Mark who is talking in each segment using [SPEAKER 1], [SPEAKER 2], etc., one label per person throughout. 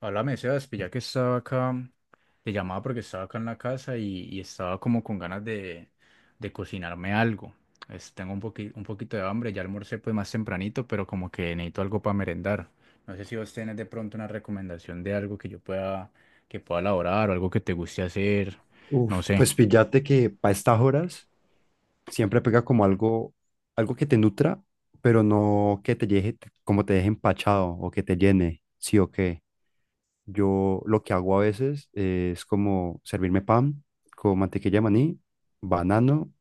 [SPEAKER 1] Háblame, Sebas, pues ya que estaba acá, te llamaba porque estaba acá en la casa y estaba como con ganas de cocinarme algo. Tengo un un poquito de hambre, ya almorcé pues más tempranito, pero como que necesito algo para merendar. No sé si vos tenés de pronto una recomendación de algo que yo que pueda elaborar o algo que te guste hacer, no
[SPEAKER 2] Uf,
[SPEAKER 1] sé.
[SPEAKER 2] pues píllate que para estas horas siempre pega como algo, algo que te nutra, pero no que te deje, como te deje empachado o que te llene, sí o qué. Yo lo que hago a veces es como servirme pan con mantequilla de maní, banano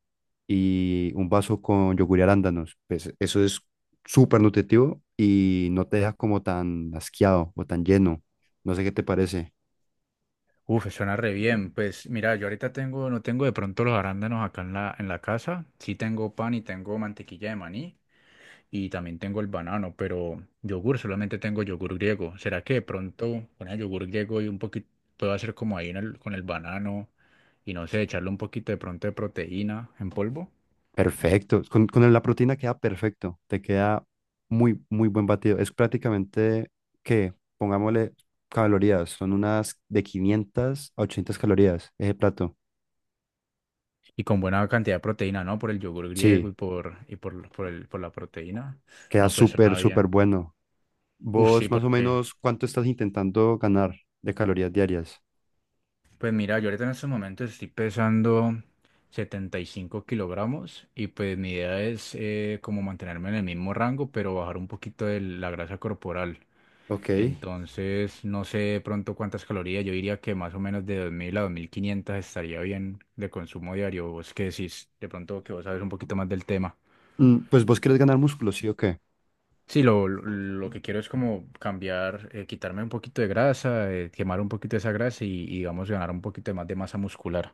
[SPEAKER 2] y un vaso con yogur y arándanos. Pues eso es súper nutritivo y no te deja como tan asqueado o tan lleno. No sé qué te parece.
[SPEAKER 1] Uf, suena re bien. Pues mira, yo ahorita no tengo de pronto los arándanos acá en en la casa. Sí tengo pan y tengo mantequilla de maní, y también tengo el banano, pero yogur solamente tengo yogur griego. ¿Será que de pronto con el yogur griego y un poquito puedo hacer como ahí en con el banano y no sé, echarle un poquito de pronto de proteína en polvo?
[SPEAKER 2] Perfecto. Con la proteína queda perfecto. Te queda muy, muy buen batido. Es prácticamente que, pongámosle calorías, son unas de 500 a 800 calorías ese plato.
[SPEAKER 1] Y con buena cantidad de proteína, ¿no? Por el yogur griego
[SPEAKER 2] Sí,
[SPEAKER 1] por la proteína.
[SPEAKER 2] queda
[SPEAKER 1] No, pues
[SPEAKER 2] súper,
[SPEAKER 1] suena
[SPEAKER 2] súper
[SPEAKER 1] bien.
[SPEAKER 2] bueno.
[SPEAKER 1] Uf, sí,
[SPEAKER 2] ¿Vos más o menos cuánto estás intentando ganar de calorías diarias?
[SPEAKER 1] pues mira, yo ahorita en estos momentos estoy pesando 75 kilogramos y pues mi idea es como mantenerme en el mismo rango, pero bajar un poquito de la grasa corporal.
[SPEAKER 2] Ok.
[SPEAKER 1] Entonces, no sé de pronto cuántas calorías. Yo diría que más o menos de 2000 a 2500 estaría bien de consumo diario. Vos que decís, de pronto que vos sabes un poquito más del tema.
[SPEAKER 2] Pues vos querés ganar músculo, ¿sí o qué?
[SPEAKER 1] Sí, lo que quiero es como cambiar, quitarme un poquito de grasa, quemar un poquito esa grasa y digamos, ganar un poquito de más de masa muscular.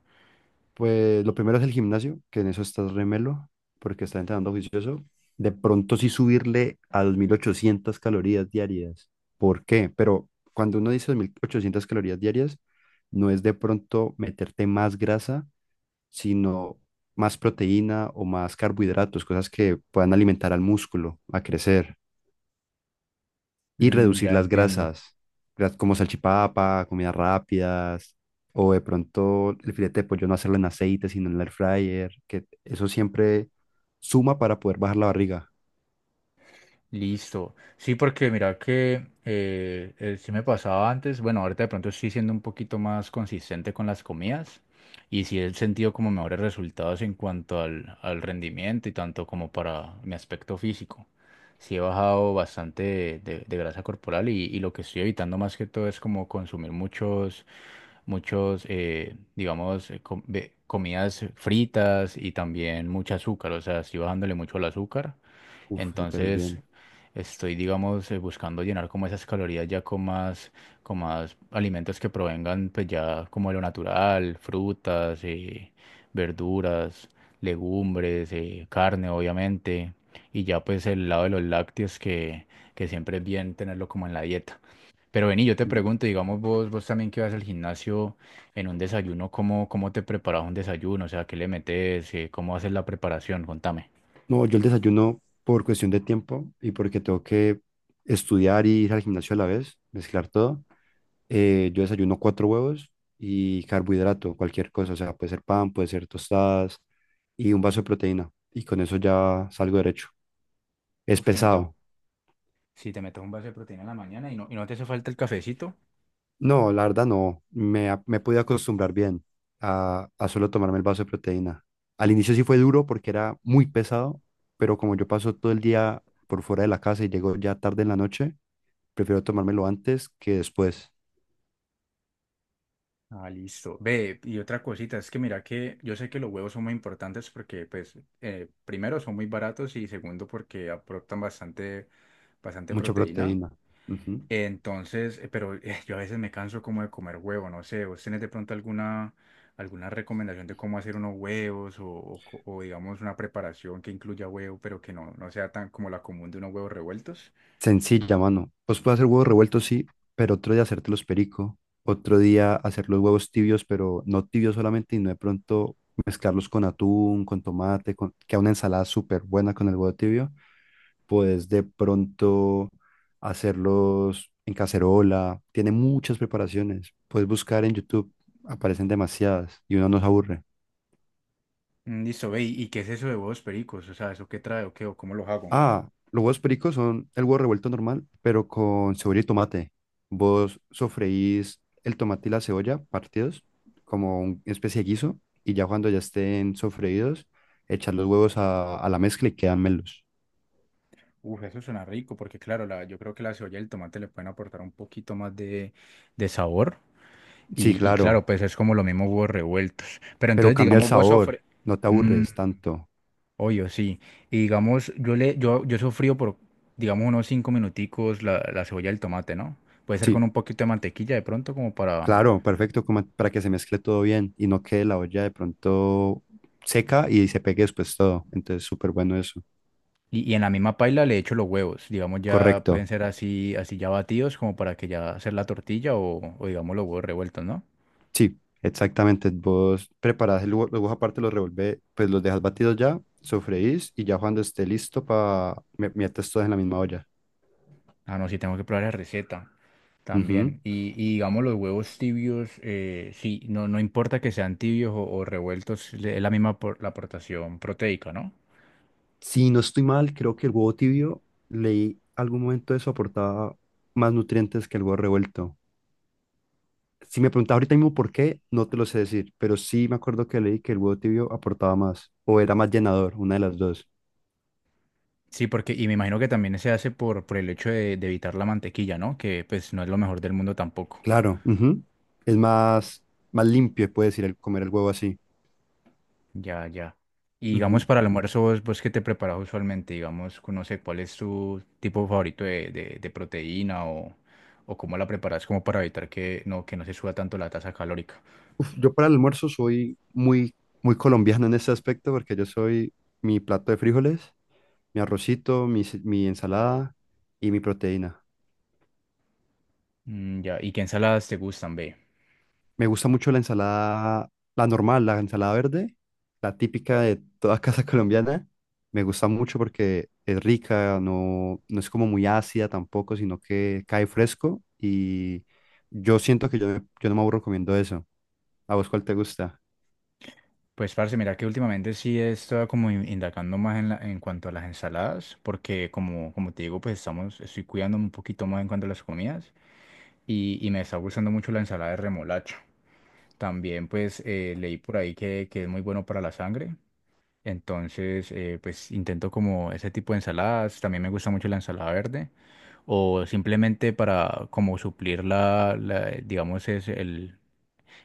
[SPEAKER 2] Pues lo primero es el gimnasio, que en eso estás remelo, porque estás entrenando juicioso. De pronto sí subirle a 2800 calorías diarias. ¿Por qué? Pero cuando uno dice 2800 calorías diarias, no es de pronto meterte más grasa, sino más proteína o más carbohidratos, cosas que puedan alimentar al músculo a crecer y
[SPEAKER 1] Mm,
[SPEAKER 2] reducir
[SPEAKER 1] ya
[SPEAKER 2] las
[SPEAKER 1] entiendo.
[SPEAKER 2] grasas, gra- como salchipapa, comidas rápidas, o de pronto el filete de pollo no hacerlo en aceite, sino en el air fryer, que eso siempre suma para poder bajar la barriga.
[SPEAKER 1] Listo. Sí, porque mira que sí me pasaba antes, bueno, ahorita de pronto estoy siendo un poquito más consistente con las comidas y sí he sentido como mejores resultados en cuanto al rendimiento y tanto como para mi aspecto físico. Sí he bajado bastante de grasa corporal y lo que estoy evitando más que todo es como consumir muchos, digamos, comidas fritas y también mucho azúcar, o sea, estoy bajándole mucho al azúcar.
[SPEAKER 2] Uf, súper
[SPEAKER 1] Entonces,
[SPEAKER 2] bien.
[SPEAKER 1] estoy, digamos, buscando llenar como esas calorías con con más alimentos que provengan, pues ya como de lo natural, frutas, verduras, legumbres, carne, obviamente, y ya pues el lado de los lácteos que siempre es bien tenerlo como en la dieta. Pero vení, yo te
[SPEAKER 2] Mm.
[SPEAKER 1] pregunto, digamos vos también que vas al gimnasio en un desayuno, ¿cómo te preparas un desayuno? O sea, ¿qué le metes? ¿Cómo haces la preparación? Contame.
[SPEAKER 2] No, yo el desayuno por cuestión de tiempo y porque tengo que estudiar y ir al gimnasio a la vez, mezclar todo. Yo desayuno cuatro huevos y carbohidrato, cualquier cosa, o sea, puede ser pan, puede ser tostadas y un vaso de proteína. Y con eso ya salgo derecho. Es
[SPEAKER 1] Usted,
[SPEAKER 2] pesado.
[SPEAKER 1] si te metes un vaso de proteína en la mañana y no te hace falta el cafecito,
[SPEAKER 2] No, la verdad no. Me pude acostumbrar bien a solo tomarme el vaso de proteína. Al inicio sí fue duro porque era muy pesado, pero como yo paso todo el día por fuera de la casa y llego ya tarde en la noche, prefiero tomármelo antes que después.
[SPEAKER 1] ah, listo. Ve, y otra cosita, es que mira que yo sé que los huevos son muy importantes porque, pues, primero son muy baratos y segundo porque aportan bastante
[SPEAKER 2] Mucha
[SPEAKER 1] proteína.
[SPEAKER 2] proteína. Ujú.
[SPEAKER 1] Entonces, yo a veces me canso como de comer huevo, no sé, ¿vos tenés de pronto alguna recomendación de cómo hacer unos huevos o digamos una preparación que incluya huevo, pero que no sea tan como la común de unos huevos revueltos?
[SPEAKER 2] Sencilla, mano. Pues puedo hacer huevos revueltos, sí, pero otro día hacértelos perico. Otro día hacer los huevos tibios, pero no tibios solamente, y no de pronto mezclarlos con atún, con tomate, con queda una ensalada súper buena con el huevo tibio. Puedes de pronto hacerlos en cacerola. Tiene muchas preparaciones. Puedes buscar en YouTube, aparecen demasiadas y uno no se aburre.
[SPEAKER 1] Mm, listo, ve, ¿y qué es eso de huevos pericos? O sea, ¿eso qué trae o qué o cómo los hago?
[SPEAKER 2] Ah, los huevos pericos son el huevo revuelto normal, pero con cebolla y tomate. Vos sofreís el tomate y la cebolla partidos como una especie de guiso y ya cuando ya estén sofreídos, echar los huevos a la mezcla y quedan melos.
[SPEAKER 1] Uf, eso suena rico porque claro, yo creo que la cebolla y el tomate le pueden aportar un poquito más de sabor
[SPEAKER 2] Sí,
[SPEAKER 1] y
[SPEAKER 2] claro,
[SPEAKER 1] claro, pues es como lo mismo huevos revueltos. Pero
[SPEAKER 2] pero
[SPEAKER 1] entonces,
[SPEAKER 2] cambia el
[SPEAKER 1] digamos, vos
[SPEAKER 2] sabor,
[SPEAKER 1] sofre...
[SPEAKER 2] no te
[SPEAKER 1] Mm,
[SPEAKER 2] aburres tanto.
[SPEAKER 1] obvio, sí. Y digamos, yo sofrío digamos, unos cinco minuticos la cebolla y el tomate, ¿no? Puede ser con
[SPEAKER 2] Sí,
[SPEAKER 1] un poquito de mantequilla de pronto como para...
[SPEAKER 2] claro, perfecto, como para que se mezcle todo bien y no quede la olla de pronto seca y se pegue después todo. Entonces, súper bueno eso.
[SPEAKER 1] Y, y en la misma paila le echo los huevos. Digamos, ya pueden
[SPEAKER 2] Correcto.
[SPEAKER 1] ser así ya batidos, como para que ya hacer la tortilla o digamos los huevos revueltos, ¿no?
[SPEAKER 2] Sí, exactamente. Vos preparás, el los huevos aparte los revolvés, pues los dejas batidos ya, sofreís y ya cuando esté listo para metes todos en la misma olla.
[SPEAKER 1] Ah, no, sí tengo que probar la receta
[SPEAKER 2] Ujú.
[SPEAKER 1] también. Y digamos los huevos tibios, no importa que sean tibios o revueltos, es la misma la aportación proteica, ¿no?
[SPEAKER 2] Si no estoy mal, creo que el huevo tibio, leí algún momento eso aportaba más nutrientes que el huevo revuelto. Si me preguntas ahorita mismo por qué, no te lo sé decir, pero sí me acuerdo que leí que el huevo tibio aportaba más o era más llenador, una de las dos.
[SPEAKER 1] Sí, porque, y me imagino que también se hace por el hecho de evitar la mantequilla, ¿no? Que pues no es lo mejor del mundo tampoco.
[SPEAKER 2] Claro, ujú. Es más, más limpio, puedes decir, el comer el huevo así.
[SPEAKER 1] Ya, ya. Y digamos,
[SPEAKER 2] Ujú.
[SPEAKER 1] para el almuerzo, vos qué te preparas usualmente? Digamos, no sé, ¿cuál es tu tipo favorito de proteína o cómo la preparas como para evitar que no se suba tanto la tasa calórica?
[SPEAKER 2] Yo para el almuerzo soy muy, muy colombiano en ese aspecto porque yo soy mi plato de frijoles, mi arrocito, mi ensalada y mi proteína.
[SPEAKER 1] Mm, ya, ¿y qué ensaladas te gustan, ve?
[SPEAKER 2] Me gusta mucho la ensalada, la normal, la ensalada verde, la típica de toda casa colombiana. Me gusta mucho porque es rica, no, no es como muy ácida tampoco, sino que cae fresco y yo siento que yo no me aburro comiendo eso. ¿A vos cuál te gusta?
[SPEAKER 1] Pues, parce, mira que últimamente sí he estado como indagando más en, en cuanto a las ensaladas, porque como te digo, pues estoy cuidándome un poquito más en cuanto a las comidas y me está gustando mucho la ensalada de remolacha. También pues leí por ahí que es muy bueno para la sangre. Entonces, pues intento como ese tipo de ensaladas. También me gusta mucho la ensalada verde. O simplemente para como suplir digamos,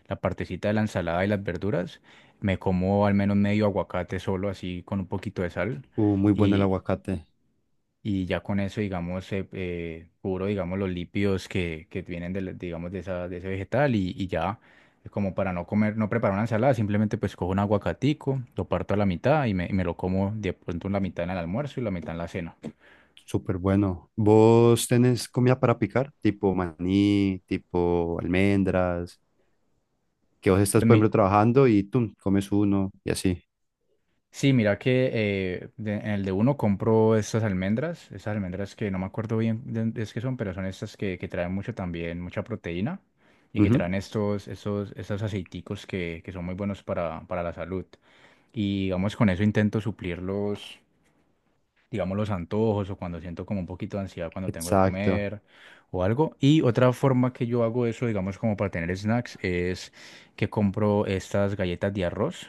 [SPEAKER 1] la partecita de la ensalada y las verduras, me como al menos medio aguacate solo así con un poquito de sal
[SPEAKER 2] Muy bueno el aguacate.
[SPEAKER 1] y ya con eso, digamos, cubro, digamos, los lípidos que vienen de, digamos, de, de ese vegetal y ya, como para no comer, no preparar una ensalada, simplemente pues cojo un aguacatico, lo parto a la mitad y me lo como de pronto la mitad en el almuerzo y la mitad en la cena.
[SPEAKER 2] Súper bueno. ¿Vos tenés comida para picar? Tipo maní, tipo almendras, que vos estás,
[SPEAKER 1] Pues
[SPEAKER 2] por
[SPEAKER 1] mi,
[SPEAKER 2] ejemplo, trabajando y tú comes uno y así.
[SPEAKER 1] Sí, mira que en el de uno compro estas estas almendras que no me acuerdo bien de qué son, pero son estas que traen mucho también, mucha proteína y que
[SPEAKER 2] Ujú.
[SPEAKER 1] traen estos aceiticos que son muy buenos para la salud. Y digamos, con eso intento suplir digamos, los antojos o cuando siento como un poquito de ansiedad cuando tengo de
[SPEAKER 2] Exacto.
[SPEAKER 1] comer o algo. Y otra forma que yo hago eso, digamos, como para tener snacks, es que compro estas galletas de arroz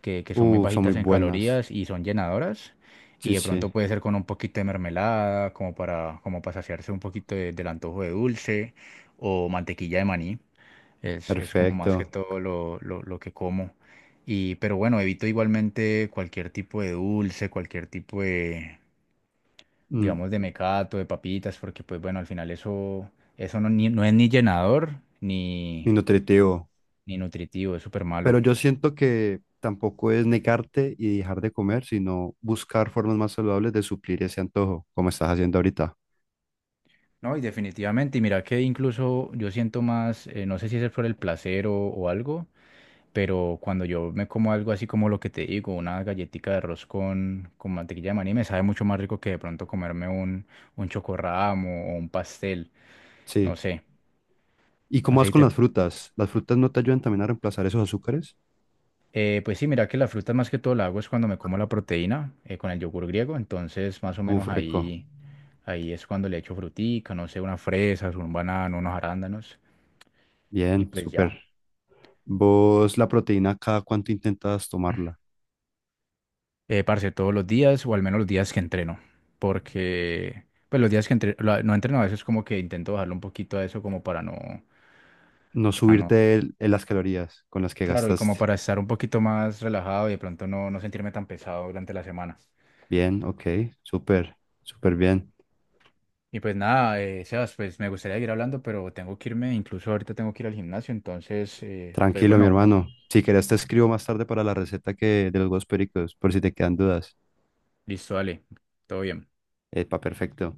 [SPEAKER 1] que son muy
[SPEAKER 2] Son muy
[SPEAKER 1] bajitas en
[SPEAKER 2] buenas.
[SPEAKER 1] calorías y son llenadoras. Y
[SPEAKER 2] Sí,
[SPEAKER 1] de pronto
[SPEAKER 2] sí.
[SPEAKER 1] puede ser con un poquito de mermelada, como como para saciarse un poquito del antojo de dulce o mantequilla de maní. Es como más que
[SPEAKER 2] Perfecto.
[SPEAKER 1] todo lo que como. Y, pero bueno, evito igualmente cualquier tipo de dulce, cualquier tipo
[SPEAKER 2] Mm,
[SPEAKER 1] digamos, de mecato, de papitas, porque pues bueno, al final eso, eso no es ni llenador
[SPEAKER 2] y
[SPEAKER 1] ni,
[SPEAKER 2] nutritivo.
[SPEAKER 1] ni nutritivo, es súper malo.
[SPEAKER 2] Pero yo siento que tampoco es negarte y dejar de comer, sino buscar formas más saludables de suplir ese antojo, como estás haciendo ahorita.
[SPEAKER 1] No, y definitivamente, y mira que incluso yo siento más, no sé si es por el placer o algo, pero cuando yo me como algo así como lo que te digo, una galletica de arroz con mantequilla de maní, me sabe mucho más rico que de pronto comerme un chocorramo o un pastel, no
[SPEAKER 2] Sí.
[SPEAKER 1] sé,
[SPEAKER 2] ¿Y
[SPEAKER 1] no
[SPEAKER 2] cómo
[SPEAKER 1] sé,
[SPEAKER 2] vas
[SPEAKER 1] y
[SPEAKER 2] con
[SPEAKER 1] te-
[SPEAKER 2] las frutas? ¿Las frutas no te ayudan también a reemplazar esos azúcares?
[SPEAKER 1] pues sí, mira que la fruta más que todo la hago es cuando me como la proteína con el yogur griego, entonces más o
[SPEAKER 2] Uf,
[SPEAKER 1] menos
[SPEAKER 2] rico.
[SPEAKER 1] ahí es cuando le echo frutica, no sé, unas fresas, un banano, unos arándanos, y
[SPEAKER 2] Bien,
[SPEAKER 1] pues ya.
[SPEAKER 2] súper. ¿Vos la proteína cada cuánto intentas tomarla?
[SPEAKER 1] Parce, todos los días, o al menos los días que entreno, porque pues los días que no entreno a veces como que intento bajarle un poquito a eso como para
[SPEAKER 2] No
[SPEAKER 1] no,
[SPEAKER 2] subirte el- en las calorías con las que
[SPEAKER 1] claro, y como
[SPEAKER 2] gastaste.
[SPEAKER 1] para estar un poquito más relajado y de pronto no sentirme tan pesado durante la semana.
[SPEAKER 2] Bien, ok, súper, súper bien.
[SPEAKER 1] Y pues nada, Sebas, pues me gustaría seguir hablando, pero tengo que irme, incluso ahorita tengo que ir al gimnasio, entonces, pues
[SPEAKER 2] Tranquilo, mi
[SPEAKER 1] bueno, me...
[SPEAKER 2] hermano. Si querés te escribo más tarde para la receta que de los huevos pericos, por si te quedan dudas.
[SPEAKER 1] listo, dale, todo bien.
[SPEAKER 2] Epa, perfecto.